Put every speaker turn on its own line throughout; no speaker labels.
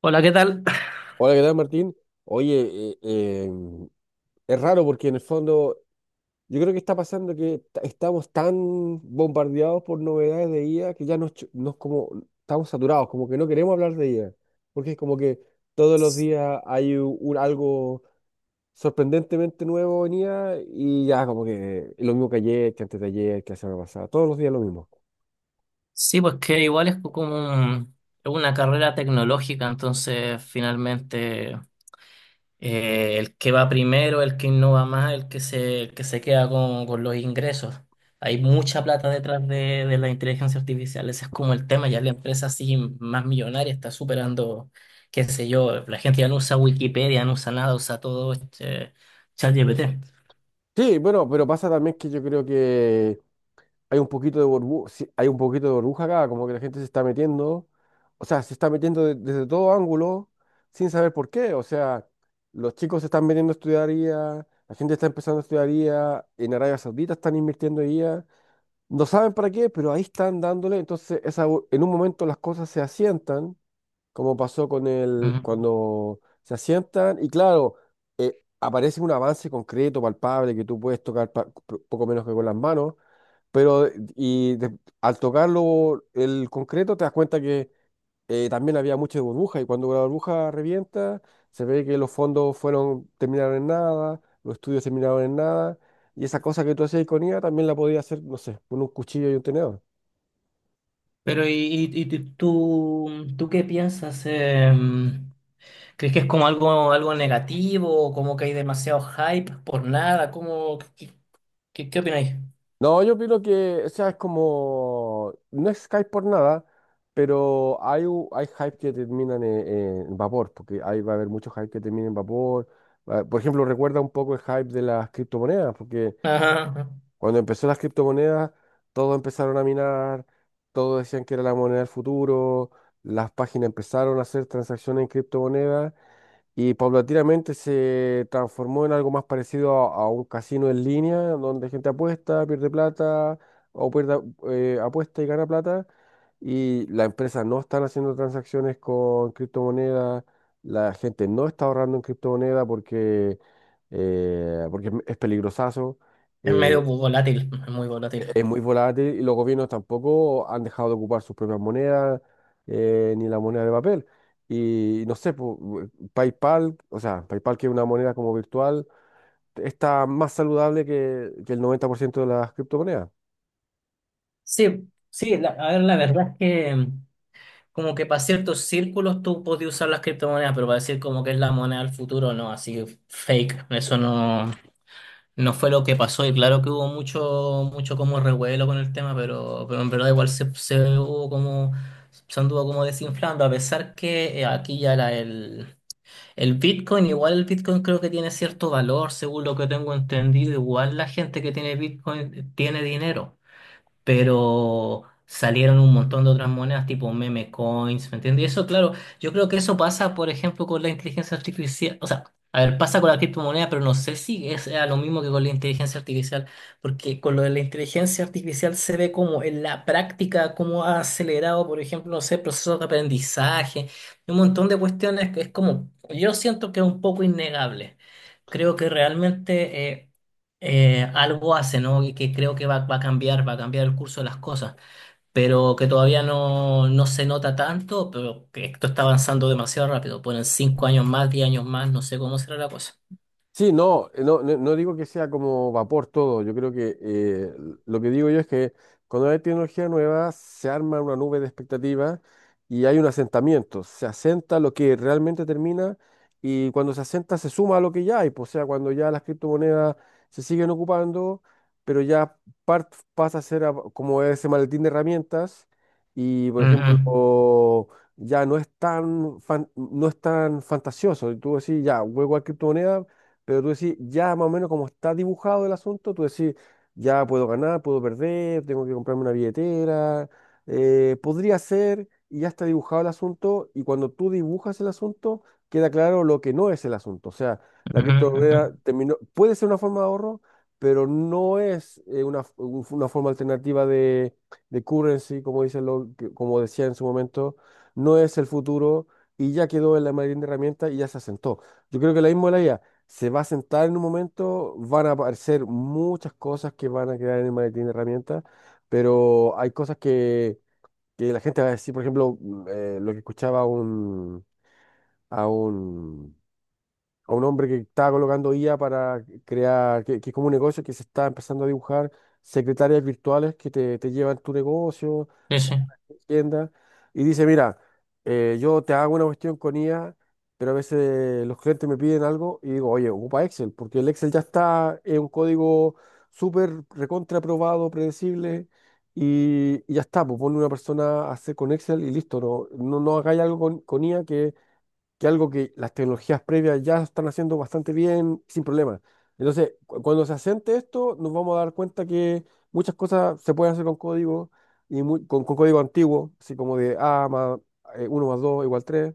Hola, ¿qué tal?
Hola, ¿qué tal, Martín? Oye, es raro porque en el fondo yo creo que está pasando que estamos tan bombardeados por novedades de IA que ya nos como estamos saturados, como que no queremos hablar de IA, porque es como que todos los días hay un, algo sorprendentemente nuevo en IA y ya como que lo mismo que ayer, que antes de ayer, que la semana pasada, todos los días lo mismo.
Sí, pues que igual es una carrera tecnológica, entonces finalmente el que va primero, el que innova más, el que se queda con los ingresos. Hay mucha plata detrás de la inteligencia artificial, ese es como el tema, ya la empresa así más millonaria está superando, qué sé yo, la gente ya no usa Wikipedia, no usa nada, usa todo este ChatGPT.
Sí, bueno, pero pasa también que yo creo que hay un poquito de burbu- sí, hay un poquito de burbuja acá, como que la gente se está metiendo, o sea, se está metiendo desde todo ángulo sin saber por qué, o sea, los chicos se están metiendo a estudiar IA, la gente está empezando a estudiar IA, en Arabia Saudita están invirtiendo en IA, no saben para qué, pero ahí están dándole, entonces en un momento las cosas se asientan, como pasó con el,
Ujú.
cuando se asientan, y claro, aparece un avance concreto, palpable, que tú puedes tocar poco menos que con las manos, pero al tocarlo el concreto te das cuenta que también había mucha burbuja y cuando la burbuja revienta se ve que los fondos fueron terminaron en nada, los estudios terminaron en nada y esa cosa que tú hacías con IA también la podías hacer, no sé, con un cuchillo y un tenedor.
Pero ¿y tú, tú qué piensas? ¿Crees que es como algo, algo negativo o como que hay demasiado hype por nada? ¿Cómo, qué opináis?
No, yo opino que, o sea, es como, no es hype por nada, pero hay hype que terminan en, vapor, porque ahí va a haber mucho hype que termina en vapor. Ah, por ejemplo, recuerda un poco el hype de las criptomonedas, porque
Ajá,
cuando empezó las criptomonedas, todos empezaron a minar, todos decían que era la moneda del futuro, las páginas empezaron a hacer transacciones en criptomonedas y paulatinamente se transformó en algo más parecido a un casino en línea, donde gente apuesta, pierde plata o pierde, apuesta y gana plata. Y las empresas no están haciendo transacciones con criptomonedas, la gente no está ahorrando en criptomonedas porque es peligrosazo.
es medio
eh,
volátil, es muy volátil.
es muy volátil y los gobiernos tampoco han dejado de ocupar sus propias monedas, ni la moneda de papel. Y no sé, PayPal, o sea, PayPal que es una moneda como virtual, está más saludable que el 90% de las criptomonedas.
Sí, sí, la, a ver, la verdad es que como que para ciertos círculos tú podías usar las criptomonedas, pero para decir como que es la moneda del futuro, no, así fake, eso no. No fue lo que pasó y claro que hubo mucho, mucho como revuelo con el tema, pero en verdad igual se hubo como, se anduvo como desinflando, a pesar que aquí ya era el Bitcoin, igual el Bitcoin creo que tiene cierto valor, según lo que tengo entendido, igual la gente que tiene Bitcoin tiene dinero, pero salieron un montón de otras monedas tipo meme coins, ¿me entiendes? Y eso, claro, yo creo que eso pasa, por ejemplo, con la inteligencia artificial, o sea, a ver, pasa con la criptomoneda, pero no sé si es sea lo mismo que con la inteligencia artificial, porque con lo de la inteligencia artificial se ve como en la práctica, cómo ha acelerado, por ejemplo, no sé, procesos de aprendizaje, un montón de cuestiones que es como, yo siento que es un poco innegable. Creo que realmente... algo hace, ¿no? Y que creo que va a cambiar el curso de las cosas, pero que todavía no, no se nota tanto, pero que esto está avanzando demasiado rápido. Ponen cinco años más, diez años más, no sé cómo será la cosa.
Sí, no, no, no, no digo que sea como vapor todo. Yo creo que lo que digo yo es que cuando hay tecnología nueva se arma una nube de expectativas y hay un asentamiento. Se asenta lo que realmente termina y cuando se asenta se suma a lo que ya hay, pues. O sea, cuando ya las criptomonedas se siguen ocupando, pero ya pasa a ser como ese maletín de herramientas y, por ejemplo,
Ujú,
o ya no es tan fantasioso. Y tú decís, ya, juego a criptomonedas pero tú decís, ya más o menos como está dibujado el asunto, tú decís, ya puedo ganar, puedo perder, tengo que comprarme una billetera, podría ser, y ya está dibujado el asunto, y cuando tú dibujas el asunto, queda claro lo que no es el asunto. O sea, la
ujú, ujú.
criptomoneda terminó, puede ser una forma de ahorro, pero no es una forma alternativa de, currency, como dicen como decía en su momento, no es el futuro, y ya quedó en la marina de herramientas y ya se asentó. Yo creo que la misma de la IA se va a sentar en un momento, van a aparecer muchas cosas que van a quedar en el maletín de herramientas, pero hay cosas que la gente va a decir, por ejemplo, lo que escuchaba a un, a un hombre que estaba colocando IA para crear, que es como un negocio que se está empezando a dibujar, secretarias virtuales que te llevan tu negocio,
Sí, sí.
tienda y dice, mira, yo te hago una cuestión con IA, pero a veces los clientes me piden algo y digo, oye, ocupa Excel, porque el Excel ya está es un código súper recontra aprobado, predecible, y ya está, pues ponle una persona a hacer con Excel y listo, no, no, no hagáis algo con I A que algo que las tecnologías previas ya están haciendo bastante bien, sin problema. Entonces, cuando se asiente esto, nos vamos a dar cuenta que muchas cosas se pueden hacer con código, y con código antiguo, así como de A más uno más 2 igual tres,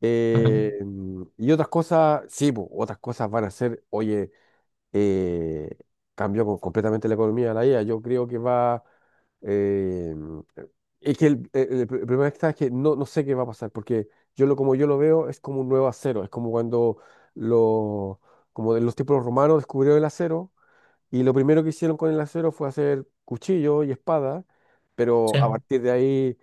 Ujú,
y otras cosas, sí, po, otras cosas van a ser, oye, eh, cambia completamente la economía de la IA. Yo creo que va. Eh, es que el problema está es que no, no sé qué va a pasar, porque como yo lo veo es como un nuevo acero, es como cuando lo, como de los tiempos romanos descubrieron el acero y lo primero que hicieron con el acero fue hacer cuchillo y espada, pero a
sí.
partir de ahí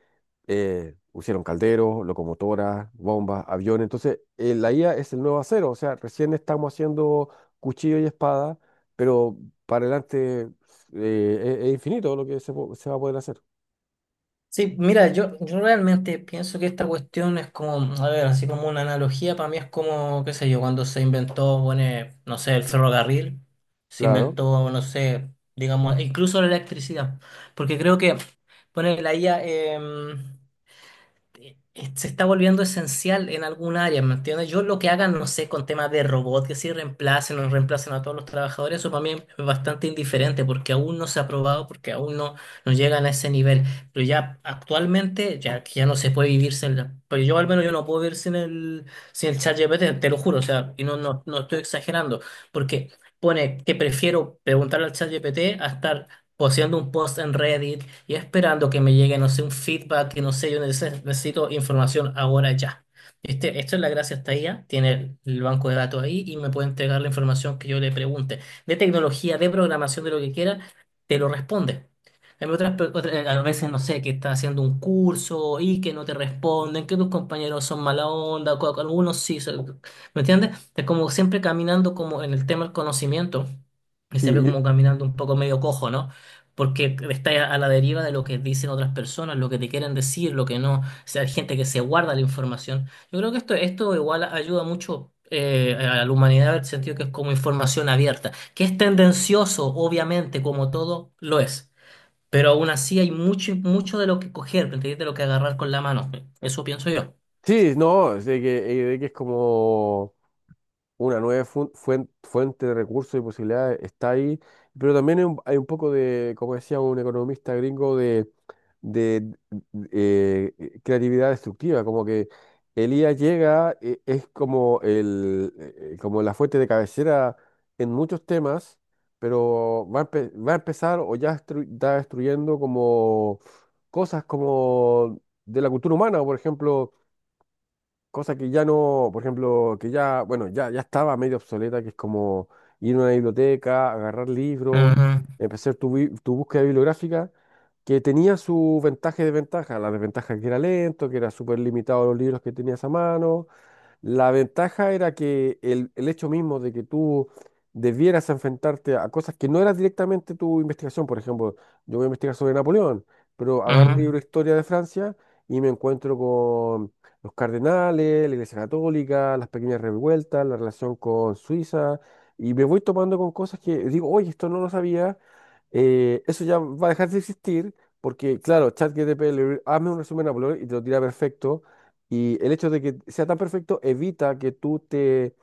pusieron calderos, locomotoras, bombas, aviones. Entonces, la IA es el nuevo acero, o sea, recién estamos haciendo cuchillo y espada, pero para adelante es infinito lo que se va a poder hacer.
Sí, mira, yo realmente pienso que esta cuestión es como, a ver, así como una analogía, para mí es como, qué sé yo, cuando se inventó, bueno, no sé, el ferrocarril, se
Claro.
inventó, no sé, digamos, incluso la electricidad, porque creo que, bueno, la IA, eh, se está volviendo esencial en algún área, ¿me entiendes? Yo lo que hagan, no sé, con temas de robot, que si reemplacen o no reemplacen a todos los trabajadores, eso para mí es bastante indiferente porque aún no se ha probado, porque aún no, no llegan a ese nivel. Pero ya actualmente, ya que ya no se puede vivir sin la- Pero yo al menos yo no puedo vivir sin el, sin el ChatGPT, te lo juro, o sea, y no, no, no estoy exagerando, porque pone que prefiero preguntarle al ChatGPT a estar posteando un post en Reddit y esperando que me llegue, no sé, un feedback, que no sé, yo necesito información ahora ya. Este, esto es la gracia hasta ella tiene el banco de datos ahí y me puede entregar la información que yo le pregunte, de tecnología, de programación, de lo que quiera, te lo responde. En otras, a veces, no sé, que estás haciendo un curso y que no te responden, que tus compañeros son mala onda, algunos sí, son- ¿me entiendes? Es como siempre caminando como en el tema del conocimiento, es
Sí,
siempre como caminando un poco medio cojo, ¿no? Porque estás a la deriva de lo que dicen otras personas, lo que te quieren decir, lo que no. O sea, hay gente que se guarda la información. Yo creo que esto igual ayuda mucho a la humanidad en el sentido que es como información abierta, que es tendencioso, obviamente, como todo lo es. Pero aún así hay mucho, mucho de lo que coger, ¿me entiendes? De lo que agarrar con la mano. Eso pienso yo.
sí, no, es de que es como una nueva fuente de recursos y posibilidades está ahí, pero también hay un poco de, como decía un economista gringo, de creatividad destructiva, como que el IA llega, es como, como la fuente de cabecera en muchos temas, pero va a empezar o ya está destruyendo como cosas como de la cultura humana, por ejemplo cosa que ya no, por ejemplo, que ya, bueno, ya estaba medio obsoleta, que es como ir a una biblioteca, agarrar libros,
Ujú,
empezar tu búsqueda bibliográfica, que tenía su ventaja y desventaja. La desventaja que era lento, que era súper limitado los libros que tenías a mano, la ventaja era que el hecho mismo de que tú debieras enfrentarte a cosas que no eran directamente tu investigación, por ejemplo, yo voy a investigar sobre Napoleón, pero agarro un libro de historia de Francia y me encuentro con los cardenales, la Iglesia Católica, las pequeñas revueltas, la relación con Suiza, y me voy tomando con cosas que digo, oye, esto no lo sabía. Eso ya va a dejar de existir, porque claro, ChatGPT, hazme un resumen de Napoleón y te lo tira perfecto y el hecho de que sea tan perfecto evita que tú te,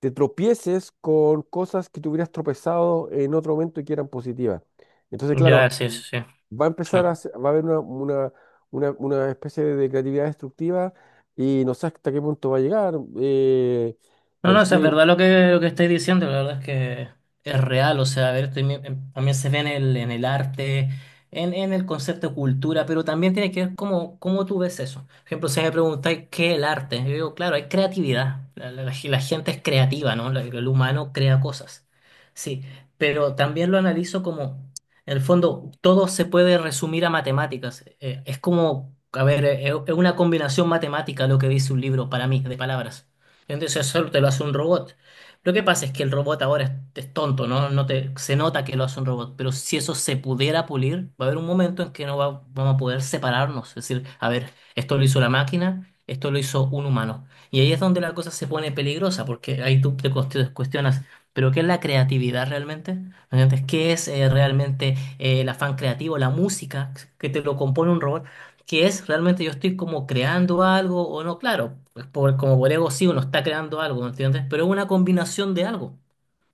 te tropieces con cosas que te hubieras tropezado en otro momento y que eran positivas. Entonces,
ujú.
claro,
Ya, sí, sí, sí.
va a
Sí.
empezar va a haber una especie de creatividad destructiva y no sé hasta qué punto va a llegar. eh,
No,
pero
no, o sea, es
sí.
verdad lo que estáis diciendo, la verdad es que es real, o sea, a ver, también, también se ve en el arte, en el concepto de cultura, pero también tiene que ver cómo, cómo tú ves eso. Por ejemplo, si me preguntáis qué es el arte, yo digo, claro, hay creatividad, la gente es creativa, ¿no? El humano crea cosas, sí, pero también lo analizo como, en el fondo, todo se puede resumir a matemáticas, es como, a ver, es una combinación matemática lo que dice un libro para mí, de palabras. Entonces solo te lo hace un robot. Lo que pasa es que el robot ahora es tonto, ¿no? No te, se nota que lo hace un robot, pero si eso se pudiera pulir, va a haber un momento en que no va- vamos a poder separarnos. Es decir, a ver, esto lo hizo la máquina, esto lo hizo un humano. Y ahí es donde la cosa se pone peligrosa, porque ahí tú te cuestionas, ¿pero qué es la creatividad realmente? ¿Me entiendes? ¿Qué es realmente el afán creativo, la música que te lo compone un robot? Qué es realmente yo estoy como creando algo o no, claro, pues por, como por ego sí uno está creando algo, ¿me entiendes? Pero es una combinación de algo, o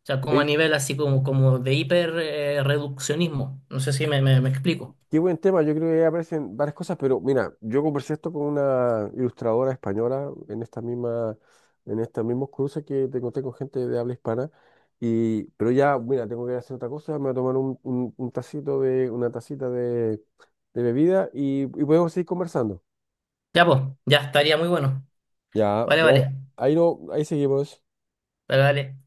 sea, como a nivel así como, como de hiper reduccionismo, no sé si me explico.
Qué buen tema, yo creo que ahí aparecen varias cosas, pero mira, yo conversé esto con una ilustradora española en estos mismos cruces que te conté con gente de habla hispana, y, pero ya, mira, tengo que hacer otra cosa, me voy a tomar una tacita de bebida y podemos seguir conversando.
Ya, pues, ya estaría muy bueno.
Ya,
Vale,
vea,
vale,
ahí no, ahí seguimos.
vale, vale.